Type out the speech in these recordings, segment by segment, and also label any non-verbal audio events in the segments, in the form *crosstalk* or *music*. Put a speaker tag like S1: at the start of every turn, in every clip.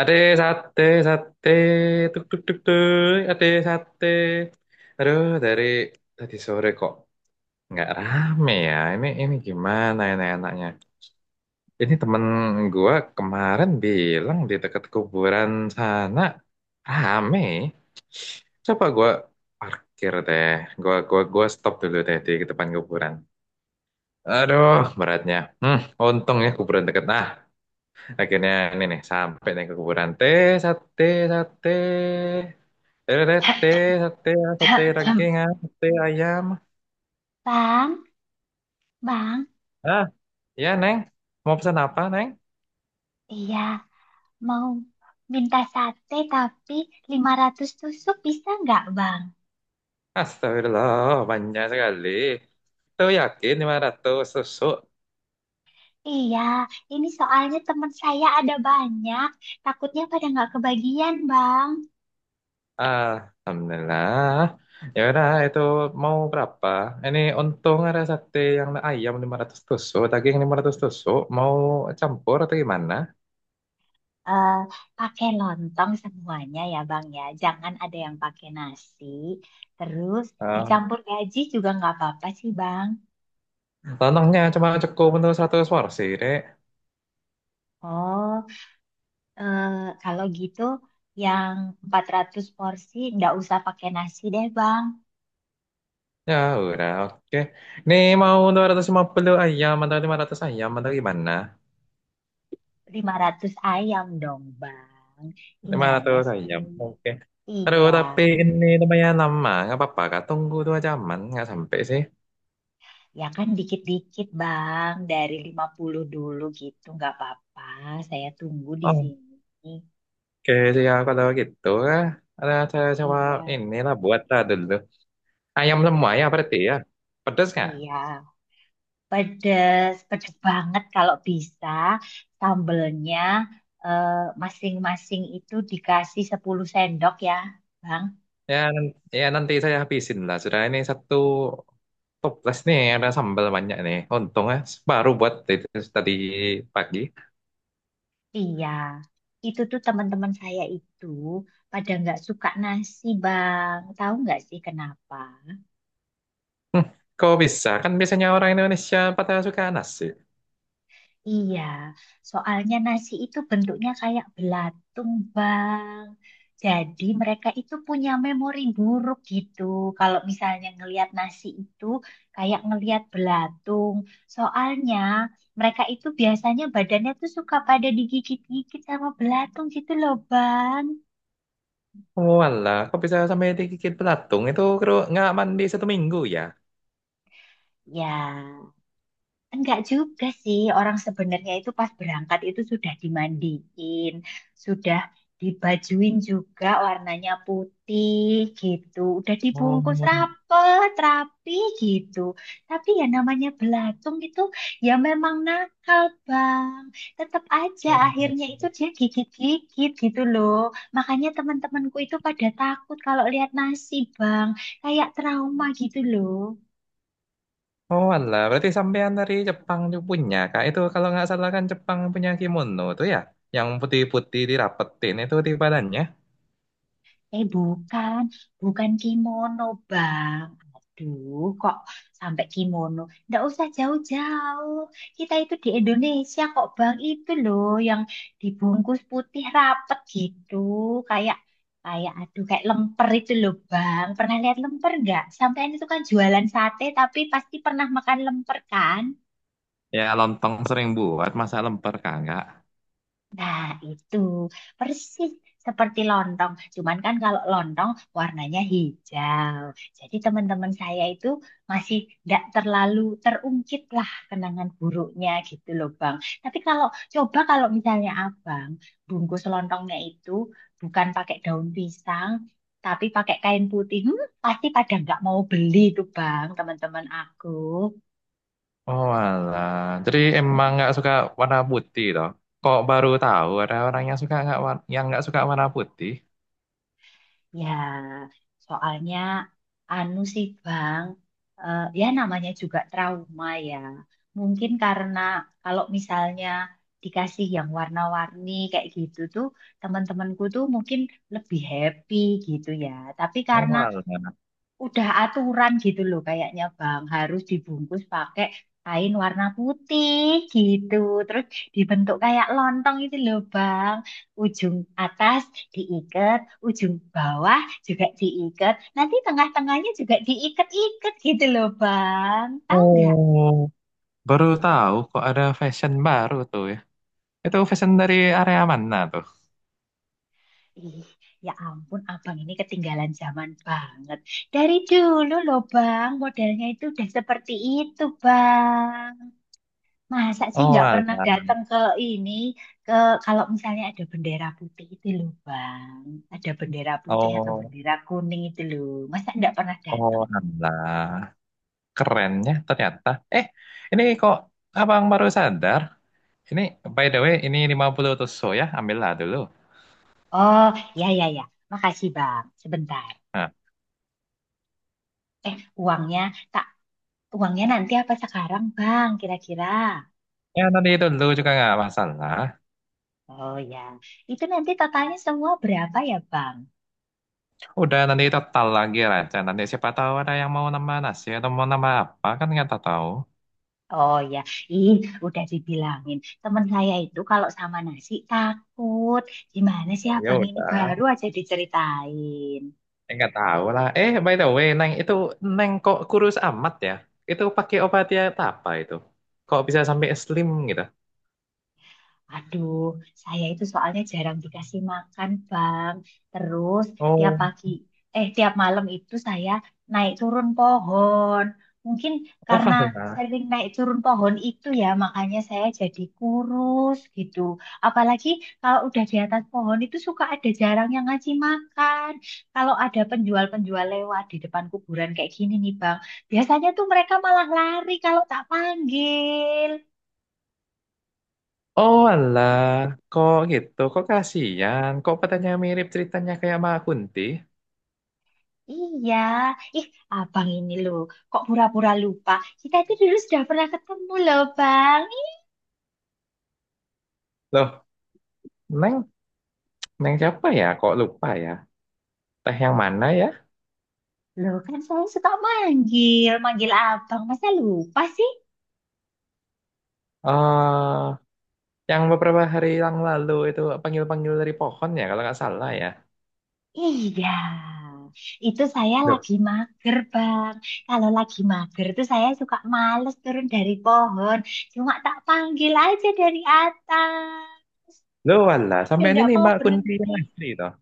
S1: Ade sate, sate, tuk tuk tuk tuk, ade sate. Aduh, dari tadi sore kok nggak rame ya. Ini gimana ini enaknya? Ini temen gua kemarin bilang di dekat kuburan sana rame. Coba gua parkir deh. Gua stop dulu deh di depan kuburan. Aduh, beratnya. Hmm, untung ya kuburan deket. Nah, akhirnya ini nih sampai nih ke kuburan. Teh sate sate. Teh teh
S2: *clears throat*
S1: sate sate daging ah, sate ayam.
S2: Bang, Bang,
S1: Ah, ya Neng. Mau pesan apa Neng?
S2: iya, mau minta sate tapi 500 tusuk bisa nggak, Bang?
S1: Astagfirullah, banyak sekali. Itu yakin 500 susuk.
S2: Iya, ini soalnya teman saya ada banyak, takutnya pada nggak kebagian, Bang.
S1: Ah, Alhamdulillah. Ya udah, itu mau berapa? Ini untung ada sate yang ayam 500 tusuk, daging 500 tusuk. Mau campur atau gimana?
S2: Eh, pakai lontong semuanya ya, Bang ya. Jangan ada yang pakai nasi. Terus
S1: Ah.
S2: dicampur gaji juga nggak apa-apa sih, Bang.
S1: Tanahnya cuma cukup untuk 100 porsi, Dek.
S2: Oh, Eh, kalau gitu yang 400 porsi nggak usah pakai nasi deh Bang.
S1: Ya udah, oke. Ini mau 250 ayam atau 500 ayam atau gimana?
S2: 500 ayam dong Bang. Gimana
S1: 500 ayam,
S2: sih?
S1: oke. Aduh,
S2: Iya,
S1: tapi ini lumayan lama. Nggak apa-apa, Kak. Tunggu 2 jaman. Nggak sampai sih.
S2: ya kan dikit-dikit Bang. Dari 50 dulu gitu nggak apa-apa. Saya tunggu di
S1: Oke,
S2: sini.
S1: siap kalau gitu. Kak. Ada saya coba
S2: Iya,
S1: inilah buat lah dulu. Ayam semua ya
S2: iya,
S1: berarti ya. Pedas nggak?
S2: iya. Pedes, pedes banget kalau bisa. Sambelnya eh, masing-masing itu dikasih 10 sendok ya Bang.
S1: Ya, nanti saya habisin lah. Sudah ini satu toples nih, ada sambal banyak nih. Untungnya baru buat itu tadi pagi.
S2: Iya, itu tuh teman-teman saya itu pada nggak suka nasi, Bang. Tahu nggak sih kenapa?
S1: Kok bisa? Kan biasanya orang Indonesia pada suka nasi.
S2: Iya, soalnya nasi itu bentuknya kayak belatung, Bang. Jadi mereka itu punya memori buruk gitu. Kalau misalnya ngelihat nasi itu kayak ngelihat belatung. Soalnya mereka itu biasanya badannya tuh suka pada digigit-gigit sama belatung gitu loh, Bang.
S1: Walah, kok bisa sampai digigit belatung? Itu kru nggak mandi 1 minggu ya?
S2: Ya. Enggak juga sih, orang sebenarnya itu pas berangkat itu sudah dimandiin, sudah dibajuin juga warnanya putih gitu, udah
S1: Oh,
S2: dibungkus rapet, rapi gitu. Tapi ya namanya belatung itu ya memang nakal, Bang. Tetap aja akhirnya itu dia gigit-gigit gitu loh. Makanya teman-temanku itu pada takut kalau lihat nasi, Bang. Kayak trauma gitu loh.
S1: oh walah, berarti sampean dari Jepang juga punya, Kak. Itu kalau nggak salah kan Jepang punya kimono tuh ya? Yang putih-putih dirapetin itu di badannya.
S2: Eh bukan, bukan kimono bang. Aduh, kok sampai kimono? Nggak usah jauh-jauh. Kita itu di Indonesia kok bang. Itu loh yang dibungkus putih rapet gitu. Kayak, kayak aduh kayak lemper itu loh bang. Pernah lihat lemper nggak? Sampean itu kan jualan sate tapi pasti pernah makan lemper kan?
S1: Ya, lontong sering buat, masa lemper kagak?
S2: Nah, itu persis seperti lontong. Cuman kan kalau lontong warnanya hijau. Jadi teman-teman saya itu masih tidak terlalu terungkit lah kenangan buruknya gitu loh Bang. Tapi kalau coba kalau misalnya Abang bungkus lontongnya itu bukan pakai daun pisang, tapi pakai kain putih, hmm, pasti pada nggak mau beli tuh Bang, teman-teman aku.
S1: Oh alah. Jadi emang nggak suka warna putih toh? Kok baru tahu ada orang yang suka nggak yang nggak suka warna putih?
S2: Ya, soalnya anu sih Bang, eh, ya namanya juga trauma ya. Mungkin karena kalau misalnya dikasih yang warna-warni kayak gitu tuh, teman-temanku tuh mungkin lebih happy gitu ya. Tapi
S1: Oh
S2: karena
S1: alah.
S2: udah aturan gitu loh kayaknya Bang harus dibungkus pakai kain warna putih gitu terus dibentuk kayak lontong itu loh Bang ujung atas diikat ujung bawah juga diikat nanti tengah-tengahnya juga diikat-ikat gitu loh Bang tahu nggak
S1: Oh. Baru tahu kok ada fashion baru tuh ya. Itu fashion dari area mana tuh?
S2: ih ya ampun Abang ini ketinggalan zaman banget dari dulu loh Bang modelnya itu udah seperti itu Bang. Masa sih
S1: Oh
S2: nggak
S1: alah.
S2: pernah datang ke ini ke kalau misalnya ada bendera putih itu loh Bang. Ada bendera putih atau
S1: Oh,
S2: bendera kuning itu loh. Masa nggak pernah
S1: oh
S2: datang?
S1: alah. Kerennya ternyata. Eh, ini kok abang baru sadar? Ini by the way ini 50 tusuk ya, ambillah dulu.
S2: Oh, ya ya ya. Makasih Bang. Sebentar.
S1: Nah,
S2: Eh, uangnya tak uangnya nanti apa sekarang Bang kira-kira?
S1: ya nanti itu dulu juga nggak masalah.
S2: Oh ya. Itu nanti totalnya semua berapa ya Bang?
S1: Udah nanti total lagi aja. Nanti siapa tahu ada yang mau nambah nasi atau mau nambah apa kan nggak tahu.
S2: Oh ya, In, udah dibilangin. Temen saya itu kalau sama nasi takut. Gimana sih
S1: Ya
S2: abang ini
S1: udah,
S2: baru aja diceritain.
S1: eh, nggak tahu lah. Eh, by the way, Neng itu Neng kok kurus amat ya? Itu pakai obat diet apa itu? Kok bisa sampai slim gitu?
S2: Aduh, saya itu soalnya jarang dikasih makan, Bang. Terus tiap
S1: Oh,
S2: pagi, eh tiap malam itu saya naik turun pohon. Mungkin
S1: oh
S2: karena
S1: alah.
S2: sering naik turun pohon itu ya, makanya saya jadi kurus gitu. Apalagi kalau udah di atas pohon itu suka ada jarang yang ngasih makan. Kalau ada penjual-penjual lewat di depan kuburan kayak gini nih, Bang. Biasanya tuh mereka malah lari kalau tak panggil.
S1: Oh alah, kok gitu? Kok kasihan? Kok petanya mirip ceritanya kayak Mbak Kunti?
S2: Iya, ih abang ini loh, kok pura-pura lupa. Kita itu dulu sudah pernah ketemu loh bang. Ih,
S1: Loh, Neng, Neng siapa ya? Kok lupa ya? Teh yang mana ya?
S2: loh kan saya suka manggil abang. Masa lupa sih?
S1: Eh, yang beberapa hari yang lalu itu panggil-panggil dari pohon ya kalau nggak salah ya.
S2: Iya, itu saya
S1: Duh,
S2: lagi mager bang. Kalau lagi mager tuh saya suka males turun dari pohon. Cuma tak panggil aja dari atas.
S1: lu
S2: Tapi kok
S1: walah
S2: Dia
S1: sampai ini
S2: tidak
S1: nih
S2: mau
S1: Mbak Kunti
S2: berhenti.
S1: yang asli toh.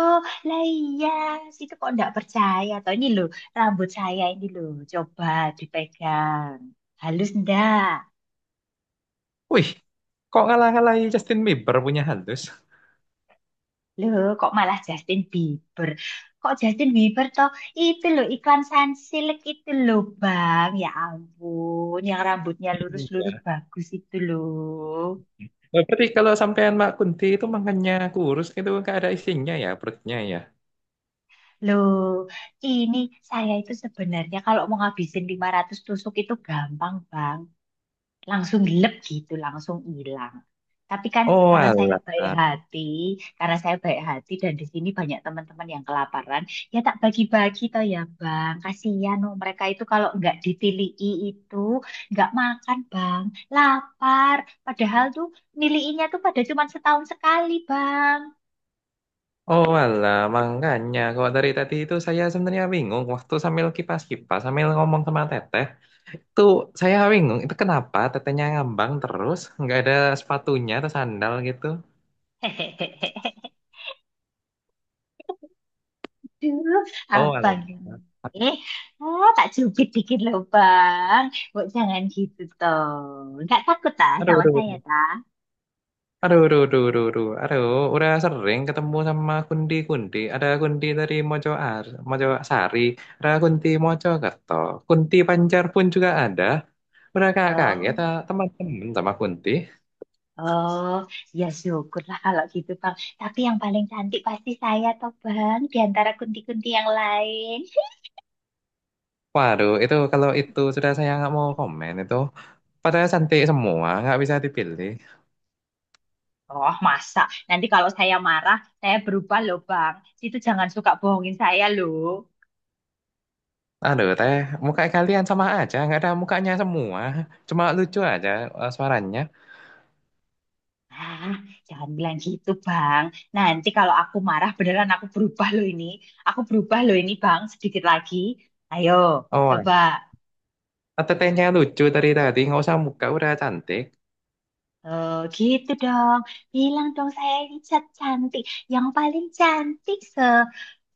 S2: Oh, lah iya, situ kok nggak percaya. Toh ini loh, rambut saya ini loh, coba dipegang. Halus ndak?
S1: Wih, kok ngalah-ngalahi Justin Bieber punya halus?
S2: Loh, kok malah Justin Bieber? Kok Justin Bieber toh? Itu loh, iklan Sunsilk itu loh, Bang. Ya ampun, yang rambutnya lurus-lurus
S1: Iya.
S2: bagus itu loh.
S1: Nah, berarti kalau sampean Mbak Kunti itu makannya kurus itu nggak ada isinya ya perutnya ya.
S2: Loh, ini saya itu sebenarnya kalau mau ngabisin 500 tusuk itu gampang, Bang. Langsung gelap gitu, langsung hilang. Tapi kan
S1: Oh
S2: karena saya
S1: alah.
S2: baik hati, karena saya baik hati dan di sini banyak teman-teman yang kelaparan, ya tak bagi-bagi toh ya Bang. Kasihan loh mereka itu kalau nggak ditilii itu nggak makan Bang, lapar. Padahal tuh niliinya tuh pada cuma setahun sekali Bang.
S1: Oh alah, makanya kok dari tadi itu saya sebenarnya bingung waktu sambil kipas-kipas sambil ngomong sama Teteh. Tuh saya bingung itu kenapa tetehnya ngambang terus nggak ada sepatunya atau sandal gitu.
S2: *laughs* Aduh,
S1: Oh,
S2: abang
S1: alah.
S2: ini. Ah, tak cubit dikit loh, Bang. Bu, jangan gitu, toh. Nggak takut, tak,
S1: Aduh,
S2: sama
S1: aduh,
S2: saya,
S1: aduh,
S2: tak?
S1: aduh, aduh, aduh, aduh, aduh, aduh. Udah sering ketemu sama kundi-kundi. Ada kundi dari Mojo Sari, ada kundi Mojo Kerto, kundi Pancar pun juga ada. Udah kak kaget
S2: Oh,
S1: ah, teman-teman sama kunti.
S2: oh, ya syukurlah kalau gitu, Bang. Tapi yang paling cantik pasti saya, toh, Bang, di antara kunti-kunti yang lain.
S1: Waduh, itu kalau itu sudah saya nggak mau komen itu. Padahal cantik semua, nggak bisa dipilih.
S2: Oh, masa? Nanti kalau saya marah, saya berubah loh, Bang. Itu jangan suka bohongin saya loh.
S1: Aduh teh, muka kalian sama aja, nggak ada mukanya semua. Cuma lucu aja eh, suaranya.
S2: Ah, jangan bilang gitu, Bang. Nanti kalau aku marah, beneran aku berubah loh ini. Aku berubah loh ini, Bang, sedikit lagi. Ayo,
S1: Oh,
S2: coba.
S1: tetehnya lucu dari tadi, nggak usah muka, udah cantik.
S2: Eh, gitu dong. Bilang dong saya ini cantik. Yang paling cantik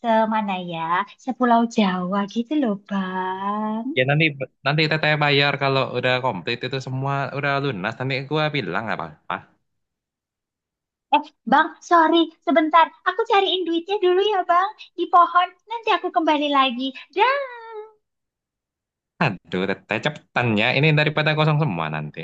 S2: semana ya? Sepulau Jawa gitu loh, Bang.
S1: Ya nanti nanti teteh bayar kalau udah komplit itu semua udah lunas. Nanti gua bilang apa apa.
S2: Eh, Bang, sorry, sebentar. Aku cariin duitnya dulu ya, Bang. Di pohon. Nanti aku kembali lagi. Dah.
S1: Aduh, teteh cepetannya. Ini daripada kosong semua nanti.